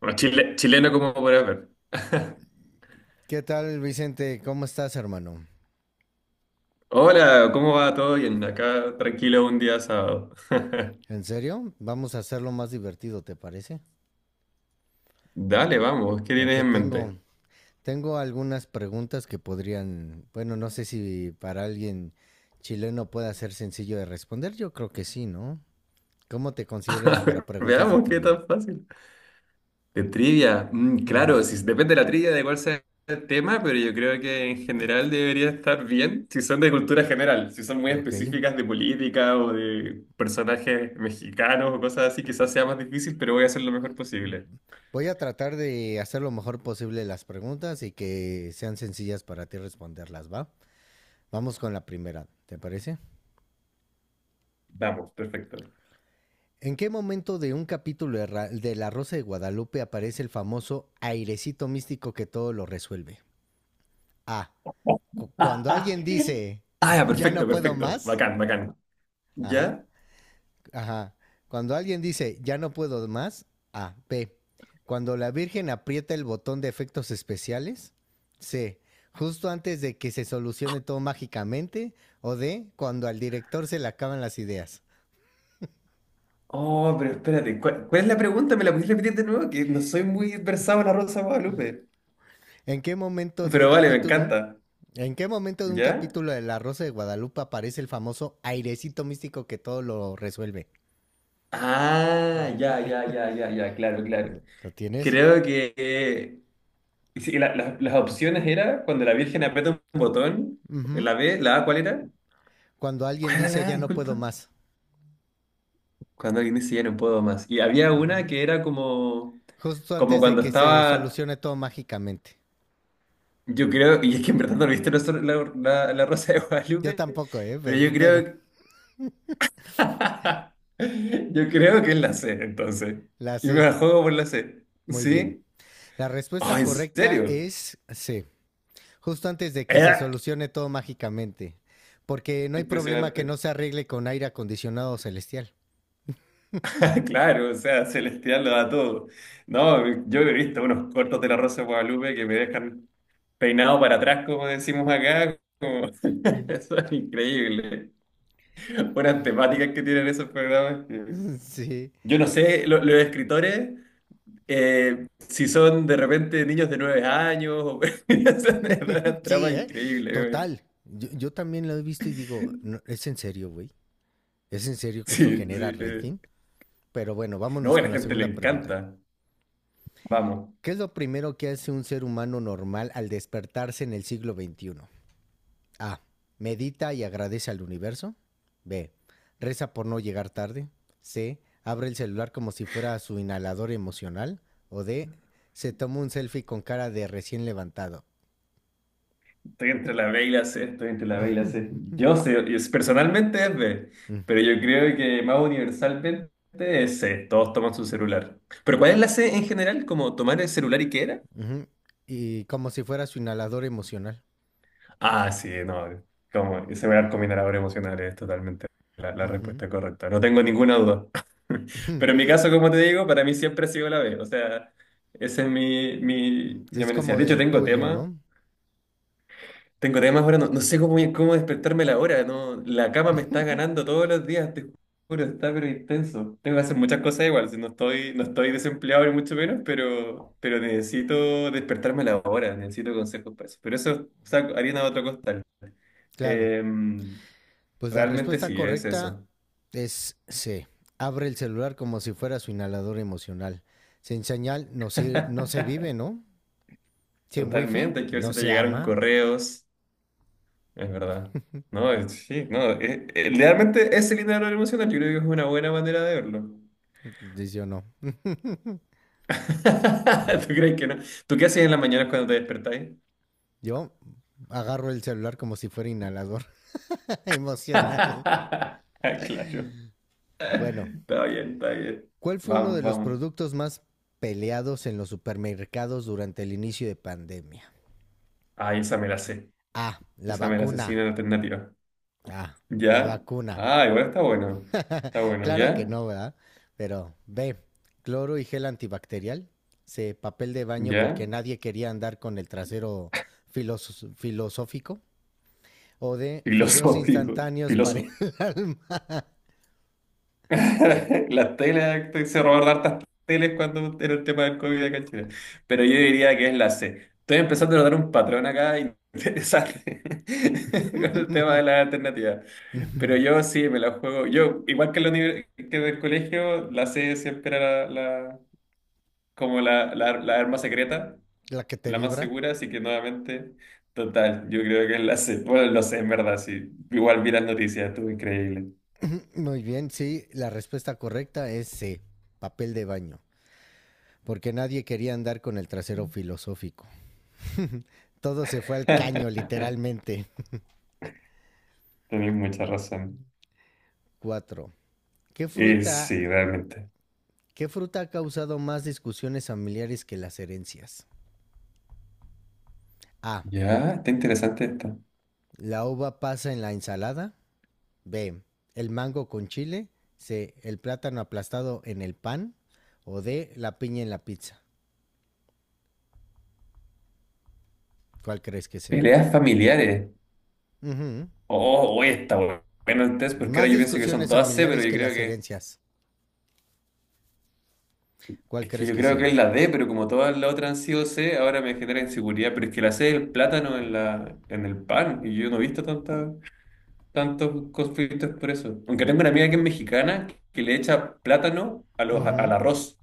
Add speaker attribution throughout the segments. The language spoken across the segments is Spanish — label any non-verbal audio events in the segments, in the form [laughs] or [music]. Speaker 1: Bueno, chileno como podrás ver. [laughs]
Speaker 2: ¿Qué tal, Vicente? ¿Cómo estás, hermano?
Speaker 1: Hola, ¿cómo va todo bien? Acá tranquilo un día sábado. [laughs]
Speaker 2: ¿En serio? Vamos a hacerlo más divertido, ¿te parece?
Speaker 1: Dale, vamos, ¿qué tienes
Speaker 2: Porque
Speaker 1: en mente?
Speaker 2: tengo, tengo algunas preguntas que podrían, bueno, no sé si para alguien chileno pueda ser sencillo de responder. Yo creo que sí, ¿no? ¿Cómo te
Speaker 1: [laughs]
Speaker 2: consideras
Speaker 1: A
Speaker 2: para
Speaker 1: ver,
Speaker 2: preguntas de
Speaker 1: veamos qué
Speaker 2: trivia?
Speaker 1: tan fácil. De trivia, claro,
Speaker 2: Ujú.
Speaker 1: si, depende de la trivia, de cuál sea el tema, pero yo creo que en general debería estar bien si son de cultura general, si son muy
Speaker 2: Ok.
Speaker 1: específicas de política o de personajes mexicanos o cosas así, quizás sea más difícil, pero voy a hacer lo mejor posible.
Speaker 2: Voy a tratar de hacer lo mejor posible las preguntas y que sean sencillas para ti responderlas, ¿va? Vamos con la primera, ¿te parece?
Speaker 1: Vamos, perfecto.
Speaker 2: ¿En qué momento de un capítulo de, de La Rosa de Guadalupe aparece el famoso airecito místico que todo lo resuelve? A. Cuando alguien dice,
Speaker 1: Ah, ya,
Speaker 2: [laughs] ya
Speaker 1: perfecto,
Speaker 2: no puedo
Speaker 1: perfecto.
Speaker 2: más.
Speaker 1: Bacán, bacán.
Speaker 2: Ajá.
Speaker 1: ¿Ya?
Speaker 2: Ajá. Cuando alguien dice, ya no puedo más. A. B. Cuando la Virgen aprieta el botón de efectos especiales. C. Justo antes de que se solucione todo mágicamente. O D. Cuando al director se le acaban las ideas.
Speaker 1: Oh, pero espérate, ¿cuál es la pregunta? ¿Me la pudiste repetir de nuevo? Que no soy muy versado en la Rosa de Guadalupe.
Speaker 2: ¿En qué momento de un
Speaker 1: Pero vale, me
Speaker 2: capítulo?
Speaker 1: encanta.
Speaker 2: ¿En qué momento de un
Speaker 1: ¿Ya?
Speaker 2: capítulo de La Rosa de Guadalupe aparece el famoso airecito místico que todo lo resuelve?
Speaker 1: Ah, ya, ya, ya, ya, ya, claro, claro.
Speaker 2: ¿Lo tienes?
Speaker 1: Creo que sí, las opciones era cuando la Virgen aprieta un botón, la
Speaker 2: Ujú.
Speaker 1: B, la A, ¿cuál era?
Speaker 2: Cuando alguien
Speaker 1: ¿Cuál era
Speaker 2: dice
Speaker 1: la A?
Speaker 2: ya no puedo
Speaker 1: Disculpa.
Speaker 2: más.
Speaker 1: Cuando alguien dice ya no puedo más. Y había una
Speaker 2: Ujú.
Speaker 1: que era como,
Speaker 2: Justo
Speaker 1: como
Speaker 2: antes de
Speaker 1: cuando
Speaker 2: que se
Speaker 1: estaba,
Speaker 2: solucione todo mágicamente.
Speaker 1: yo creo, y es que en verdad no viste la, la Rosa de
Speaker 2: Yo
Speaker 1: Guadalupe.
Speaker 2: tampoco, ¿eh?
Speaker 1: Pero yo
Speaker 2: Pero
Speaker 1: creo [laughs] Yo creo que es la C, entonces.
Speaker 2: la
Speaker 1: Y me
Speaker 2: sé.
Speaker 1: la juego por la C.
Speaker 2: Muy bien.
Speaker 1: ¿Sí?
Speaker 2: La
Speaker 1: Oh,
Speaker 2: respuesta
Speaker 1: ¿en
Speaker 2: correcta
Speaker 1: serio?
Speaker 2: es C. Justo antes de que se
Speaker 1: Eh,
Speaker 2: solucione todo mágicamente. Porque no hay problema
Speaker 1: Impresionante.
Speaker 2: que no se arregle con aire acondicionado celestial.
Speaker 1: [laughs] Claro, o sea, Celestial lo da todo. No, yo he visto unos cortos de La Rosa de Guadalupe que me dejan peinado para atrás, como decimos acá. [laughs]
Speaker 2: Mm.
Speaker 1: Eso es increíble. Buenas temáticas que tienen esos programas.
Speaker 2: [laughs] Sí,
Speaker 1: Yo no sé, los escritores. Si son de repente niños de 9 años, [laughs] es una
Speaker 2: sí,
Speaker 1: trama
Speaker 2: ¿eh?
Speaker 1: increíble. Weón.
Speaker 2: Total. Yo también lo he visto y digo, no, es en serio, güey. Es en serio que esto
Speaker 1: Sí,
Speaker 2: genera
Speaker 1: sí.
Speaker 2: rating. Pero bueno,
Speaker 1: No,
Speaker 2: vámonos
Speaker 1: a la
Speaker 2: con la
Speaker 1: gente le
Speaker 2: segunda pregunta.
Speaker 1: encanta. Vamos,
Speaker 2: ¿Qué es lo primero que hace un ser humano normal al despertarse en el siglo XXI? A. Medita y agradece al universo. B. Reza por no llegar tarde. C. Abre el celular como si fuera su inhalador emocional. O D. Se toma un selfie con cara de recién levantado.
Speaker 1: estoy entre la B y la C, estoy entre la B y la C. Yo sé, personalmente es B, pero
Speaker 2: [laughs]
Speaker 1: yo creo que más universalmente es C. Todos toman su celular. ¿Pero cuál es la C en general? ¿Como tomar el celular y qué era?
Speaker 2: Ujú. Y como si fuera su inhalador emocional.
Speaker 1: Ah, sí, no, como ese arco minerador emocional es totalmente la
Speaker 2: Ujú.
Speaker 1: respuesta correcta, no tengo ninguna duda. [laughs] Pero en
Speaker 2: [laughs]
Speaker 1: mi caso, como te digo, para mí siempre ha sido la B, o sea, esa es mi
Speaker 2: Es
Speaker 1: amenaza.
Speaker 2: como
Speaker 1: De hecho,
Speaker 2: del
Speaker 1: tengo
Speaker 2: tuyo,
Speaker 1: temas,
Speaker 2: ¿no?
Speaker 1: tengo temas ahora, no, no sé cómo despertarme la hora, no, la cama me está ganando todos los días, te juro, está pero intenso. Tengo que hacer muchas cosas igual, si no estoy desempleado ni mucho menos, pero necesito despertarme la hora, necesito consejos para eso. Pero eso, o sea, harina de otro costal.
Speaker 2: Claro.
Speaker 1: Em,
Speaker 2: Pues la
Speaker 1: realmente
Speaker 2: respuesta
Speaker 1: sí, es
Speaker 2: correcta
Speaker 1: eso.
Speaker 2: es C. Abre el celular como si fuera su inhalador emocional. Sin señal no se vive,
Speaker 1: [laughs]
Speaker 2: ¿no? Sin wifi
Speaker 1: Totalmente, hay que ver
Speaker 2: no
Speaker 1: si te
Speaker 2: se
Speaker 1: llegaron
Speaker 2: ama.
Speaker 1: correos, es verdad. No, sí, no, realmente ese el dinero emocional, yo creo que es una buena manera de verlo.
Speaker 2: Dice yo no.
Speaker 1: [laughs] ¿Tú crees que no? ¿Tú qué haces en las mañanas cuando te despertáis?
Speaker 2: Yo agarro el celular como si fuera inhalador [laughs] emocional.
Speaker 1: [laughs] Ah, claro,
Speaker 2: Bueno,
Speaker 1: está bien, está bien.
Speaker 2: ¿cuál fue uno de
Speaker 1: Vamos,
Speaker 2: los
Speaker 1: vamos.
Speaker 2: productos más peleados en los supermercados durante el inicio de pandemia?
Speaker 1: Ay, esa me la sé.
Speaker 2: Ah, la
Speaker 1: Esa me la sé
Speaker 2: vacuna.
Speaker 1: sin alternativa.
Speaker 2: Ah, la
Speaker 1: ¿Ya?
Speaker 2: vacuna.
Speaker 1: Ah, igual está bueno. Está bueno,
Speaker 2: Claro que
Speaker 1: ¿ya?
Speaker 2: no, ¿verdad? Pero B, cloro y gel antibacterial. C, papel de baño porque
Speaker 1: ¿Ya?
Speaker 2: nadie quería andar con el trasero filosófico. O D, fideos
Speaker 1: Filosófico.
Speaker 2: instantáneos para el
Speaker 1: Filosófico.
Speaker 2: [laughs] alma.
Speaker 1: [laughs] Las teles, se robaron hartas teles cuando era el tema del COVID acá en Chile. Pero yo diría que es la C. Estoy empezando a notar un patrón acá interesante [laughs] con el tema de las alternativas. Pero yo sí me la juego. Yo, igual que en, que en el colegio, la C siempre era la, como la, la arma secreta,
Speaker 2: La que te
Speaker 1: la más
Speaker 2: vibra.
Speaker 1: segura, así que nuevamente, total, yo creo que es la C. Bueno, lo sé, en verdad, sí. Igual vi las noticias, estuvo increíble.
Speaker 2: Muy bien, sí, la respuesta correcta es C, papel de baño. Porque nadie quería andar con el trasero filosófico. Todo se fue al caño, literalmente. [laughs]
Speaker 1: Tenés mucha razón.
Speaker 2: Cuatro. ¿Qué
Speaker 1: Y
Speaker 2: fruta
Speaker 1: sí, realmente.
Speaker 2: ¿Qué fruta ha causado más discusiones familiares que las herencias? A.
Speaker 1: Ya, está interesante esta.
Speaker 2: La uva pasa en la ensalada. B. El mango con chile. C. El plátano aplastado en el pan. O D. La piña en la pizza. ¿Cuál crees que sea?
Speaker 1: Peleas familiares.
Speaker 2: Ujú.
Speaker 1: Oh, oye, está bueno el test, porque
Speaker 2: Más
Speaker 1: ahora yo pienso que son
Speaker 2: discusiones
Speaker 1: todas C, pero
Speaker 2: familiares
Speaker 1: yo
Speaker 2: que
Speaker 1: creo
Speaker 2: las
Speaker 1: que.
Speaker 2: herencias. ¿Cuál
Speaker 1: Es que
Speaker 2: crees
Speaker 1: yo
Speaker 2: que
Speaker 1: creo que
Speaker 2: sea?
Speaker 1: es la D, pero como todas las otras han sido C, ahora me genera inseguridad. Pero es que la C es el plátano en la, en el pan, y yo no he visto tanta, tantos conflictos por eso. Aunque tengo una amiga que es mexicana que le echa plátano a los, al
Speaker 2: Ujú.
Speaker 1: arroz,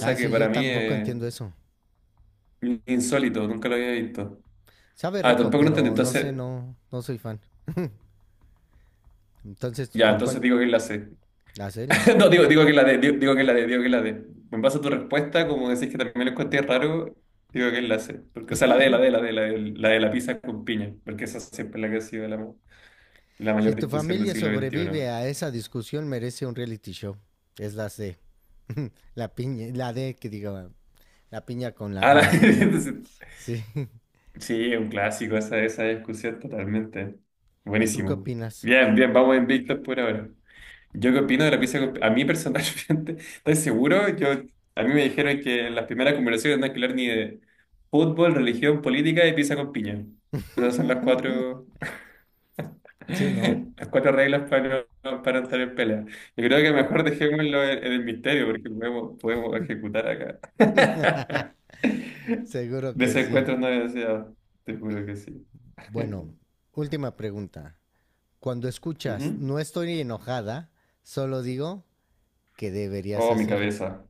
Speaker 2: Ay,
Speaker 1: que
Speaker 2: sí,
Speaker 1: para
Speaker 2: yo
Speaker 1: mí
Speaker 2: tampoco
Speaker 1: es
Speaker 2: entiendo eso.
Speaker 1: insólito, nunca lo había visto.
Speaker 2: Sabe
Speaker 1: Ah,
Speaker 2: rico,
Speaker 1: tampoco lo entendí,
Speaker 2: pero no
Speaker 1: entonces.
Speaker 2: sé, no soy fan. Entonces,
Speaker 1: Ya,
Speaker 2: ¿por
Speaker 1: entonces
Speaker 2: cuál?
Speaker 1: digo que es la C.
Speaker 2: Hacer.
Speaker 1: [laughs] No, digo que la de digo que la de digo que la de. En base a tu respuesta, como decís que también lo encontré raro, digo que es la C. Porque, o sea, la de la de la de la de la, de la pizza con piña. Porque esa siempre es la que ha sido la,
Speaker 2: Si
Speaker 1: mayor
Speaker 2: tu
Speaker 1: discusión del
Speaker 2: familia
Speaker 1: siglo XXI.
Speaker 2: sobrevive a esa discusión, merece un reality show. Es la C. [laughs] La piña, la D que digo, la piña con la
Speaker 1: Ah,
Speaker 2: en
Speaker 1: [laughs]
Speaker 2: la pizza.
Speaker 1: entonces,
Speaker 2: Sí. [laughs]
Speaker 1: sí, un clásico esa discusión totalmente.
Speaker 2: ¿Y tú qué
Speaker 1: Buenísimo.
Speaker 2: opinas?
Speaker 1: Bien, bien, vamos invictos por ahora. Yo qué opino de la pizza, a mí personalmente, [laughs] ¿estoy seguro? A mí me dijeron que en las primeras conversaciones no hay que hablar ni de fútbol, religión, política y pizza con piña. Esas son las cuatro,
Speaker 2: Sí, ¿no?
Speaker 1: [laughs] las cuatro reglas para, no- para entrar en pelea. Yo creo que mejor dejémoslo en el misterio porque podemos ejecutar acá. [laughs]
Speaker 2: Seguro que sí.
Speaker 1: Desencuentros no deseados, te juro que sí.
Speaker 2: Bueno,
Speaker 1: [laughs]
Speaker 2: última pregunta. Cuando escuchas
Speaker 1: Ujú.
Speaker 2: no estoy enojada, solo digo que deberías
Speaker 1: Oh, mi
Speaker 2: hacer.
Speaker 1: cabeza,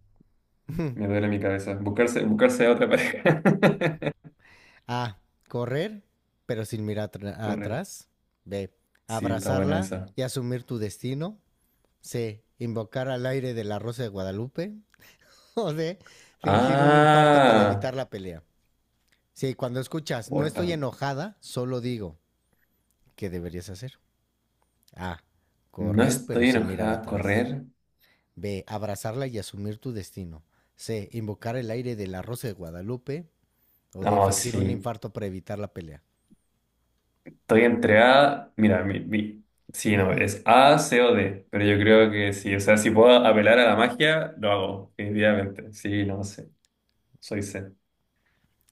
Speaker 1: me
Speaker 2: [laughs]
Speaker 1: duele mi cabeza. Buscarse a otra pareja.
Speaker 2: A. Correr, pero sin mirar
Speaker 1: [laughs] Correcto.
Speaker 2: atrás. B.
Speaker 1: Sí, está buena
Speaker 2: Abrazarla
Speaker 1: esa.
Speaker 2: y asumir tu destino. C. Invocar al aire de la Rosa de Guadalupe. [laughs] O D. Fingir un infarto para
Speaker 1: Ah,
Speaker 2: evitar la pelea. Sí, cuando escuchas,
Speaker 1: oh,
Speaker 2: no estoy enojada, solo digo, ¿qué deberías hacer? A.
Speaker 1: no
Speaker 2: Correr pero
Speaker 1: estoy
Speaker 2: sin mirar
Speaker 1: enojada a
Speaker 2: atrás.
Speaker 1: correr.
Speaker 2: B. Abrazarla y asumir tu destino. C. Invocar el aire de la Rosa de Guadalupe. O D.
Speaker 1: No,
Speaker 2: Fingir
Speaker 1: sí.
Speaker 2: un infarto para evitar la pelea.
Speaker 1: Estoy entregada. Mira, sí, no, es A, C o D. Pero yo creo que sí. O sea, si puedo apelar a la magia, lo hago, definitivamente. Sí, no sé. Soy C.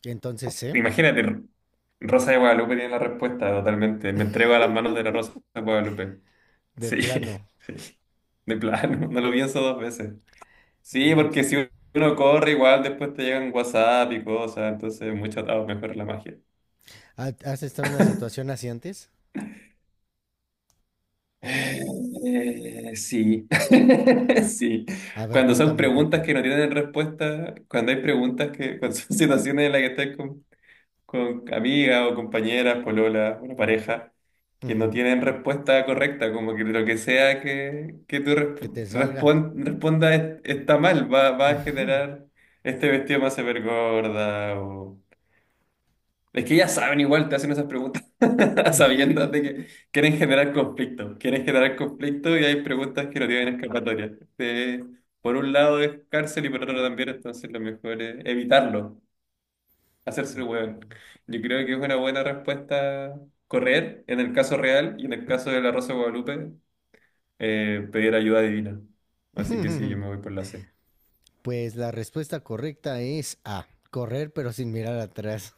Speaker 2: Entonces C.
Speaker 1: Imagínate, Rosa de Guadalupe tiene la respuesta totalmente. Me entrego a las manos de la Rosa de Guadalupe.
Speaker 2: De
Speaker 1: Sí, [laughs]
Speaker 2: plano.
Speaker 1: sí. De plano, no lo pienso dos veces. Sí, porque
Speaker 2: eh,
Speaker 1: si uno corre igual después te llegan WhatsApp y cosas, entonces mucho atado, mejor la magia.
Speaker 2: ¿Has estado en una situación así antes?
Speaker 1: Sí, [laughs]
Speaker 2: Ah.
Speaker 1: sí.
Speaker 2: A ver,
Speaker 1: Cuando son
Speaker 2: cuéntame un poco.
Speaker 1: preguntas que no tienen respuesta, cuando hay preguntas que, cuando son [laughs] situaciones en las que estás con, amigas o compañeras, polola, una pareja, que no
Speaker 2: Ujú.
Speaker 1: tienen respuesta correcta, como que lo que sea que tú
Speaker 2: Que
Speaker 1: resp-
Speaker 2: te salga.
Speaker 1: respon- respondas está mal, va a generar este vestido más se ver gorda. Es que ya saben, igual te hacen esas preguntas [laughs] sabiendo de que quieren generar conflicto y hay preguntas que no tienen escapatoria. Por un lado es cárcel y por otro también, entonces lo mejor es evitarlo, hacerse el hueón. Yo creo que es una buena respuesta correr en el caso real y en el caso de la Rosa de Guadalupe pedir ayuda divina. Así que sí, yo me
Speaker 2: [laughs]
Speaker 1: voy por la C.
Speaker 2: Pues la respuesta correcta es A, correr pero sin mirar atrás.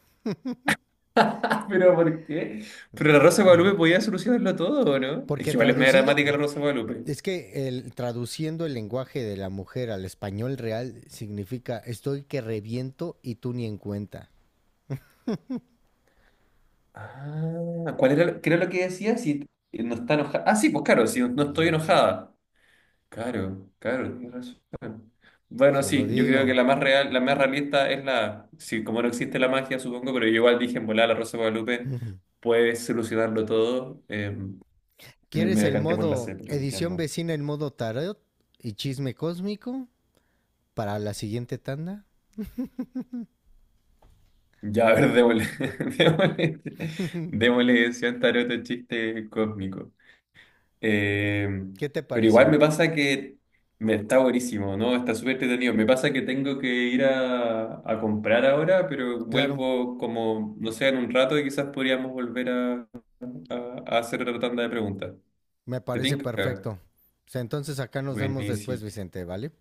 Speaker 1: [laughs] ¿Pero por qué? Pero la Rosa de Guadalupe podía solucionarlo todo, ¿o no? Es que
Speaker 2: Porque
Speaker 1: igual es media
Speaker 2: traducido,
Speaker 1: dramática la Rosa de Guadalupe.
Speaker 2: es que traduciendo el lenguaje de la mujer al español real significa estoy que reviento y tú ni en cuenta.
Speaker 1: Ah, ¿cuál era, qué era lo que decía? Si no está enojada. Ah, sí, pues claro, si no estoy
Speaker 2: Así.
Speaker 1: enojada. Claro, claro, tienes razón. Bueno,
Speaker 2: Solo
Speaker 1: sí, yo creo que
Speaker 2: digo.
Speaker 1: la más real, la más realista es la. Sí, como no existe la magia, supongo, pero yo igual dije en volar la Rosa de Guadalupe
Speaker 2: [laughs]
Speaker 1: puede solucionarlo todo. Me
Speaker 2: ¿Quieres el
Speaker 1: decanté por la
Speaker 2: modo
Speaker 1: C, pero
Speaker 2: edición
Speaker 1: entiendo.
Speaker 2: vecina en modo tarot y chisme cósmico para la siguiente tanda?
Speaker 1: Ya, a ver, démosle, [laughs] démosle, démosle ese tarot chiste cósmico.
Speaker 2: Oh.
Speaker 1: Eh,
Speaker 2: ¿Qué te
Speaker 1: pero igual
Speaker 2: pareció?
Speaker 1: me pasa que me está buenísimo, ¿no? Está súper entretenido. Me pasa que tengo que ir a comprar ahora, pero
Speaker 2: Claro.
Speaker 1: vuelvo como, no sé, en un rato y quizás podríamos volver a, a hacer otra tanda de preguntas.
Speaker 2: Me
Speaker 1: ¿Te
Speaker 2: parece
Speaker 1: tinca?
Speaker 2: perfecto. Pues entonces acá nos vemos después,
Speaker 1: Buenísimo.
Speaker 2: Vicente, ¿vale?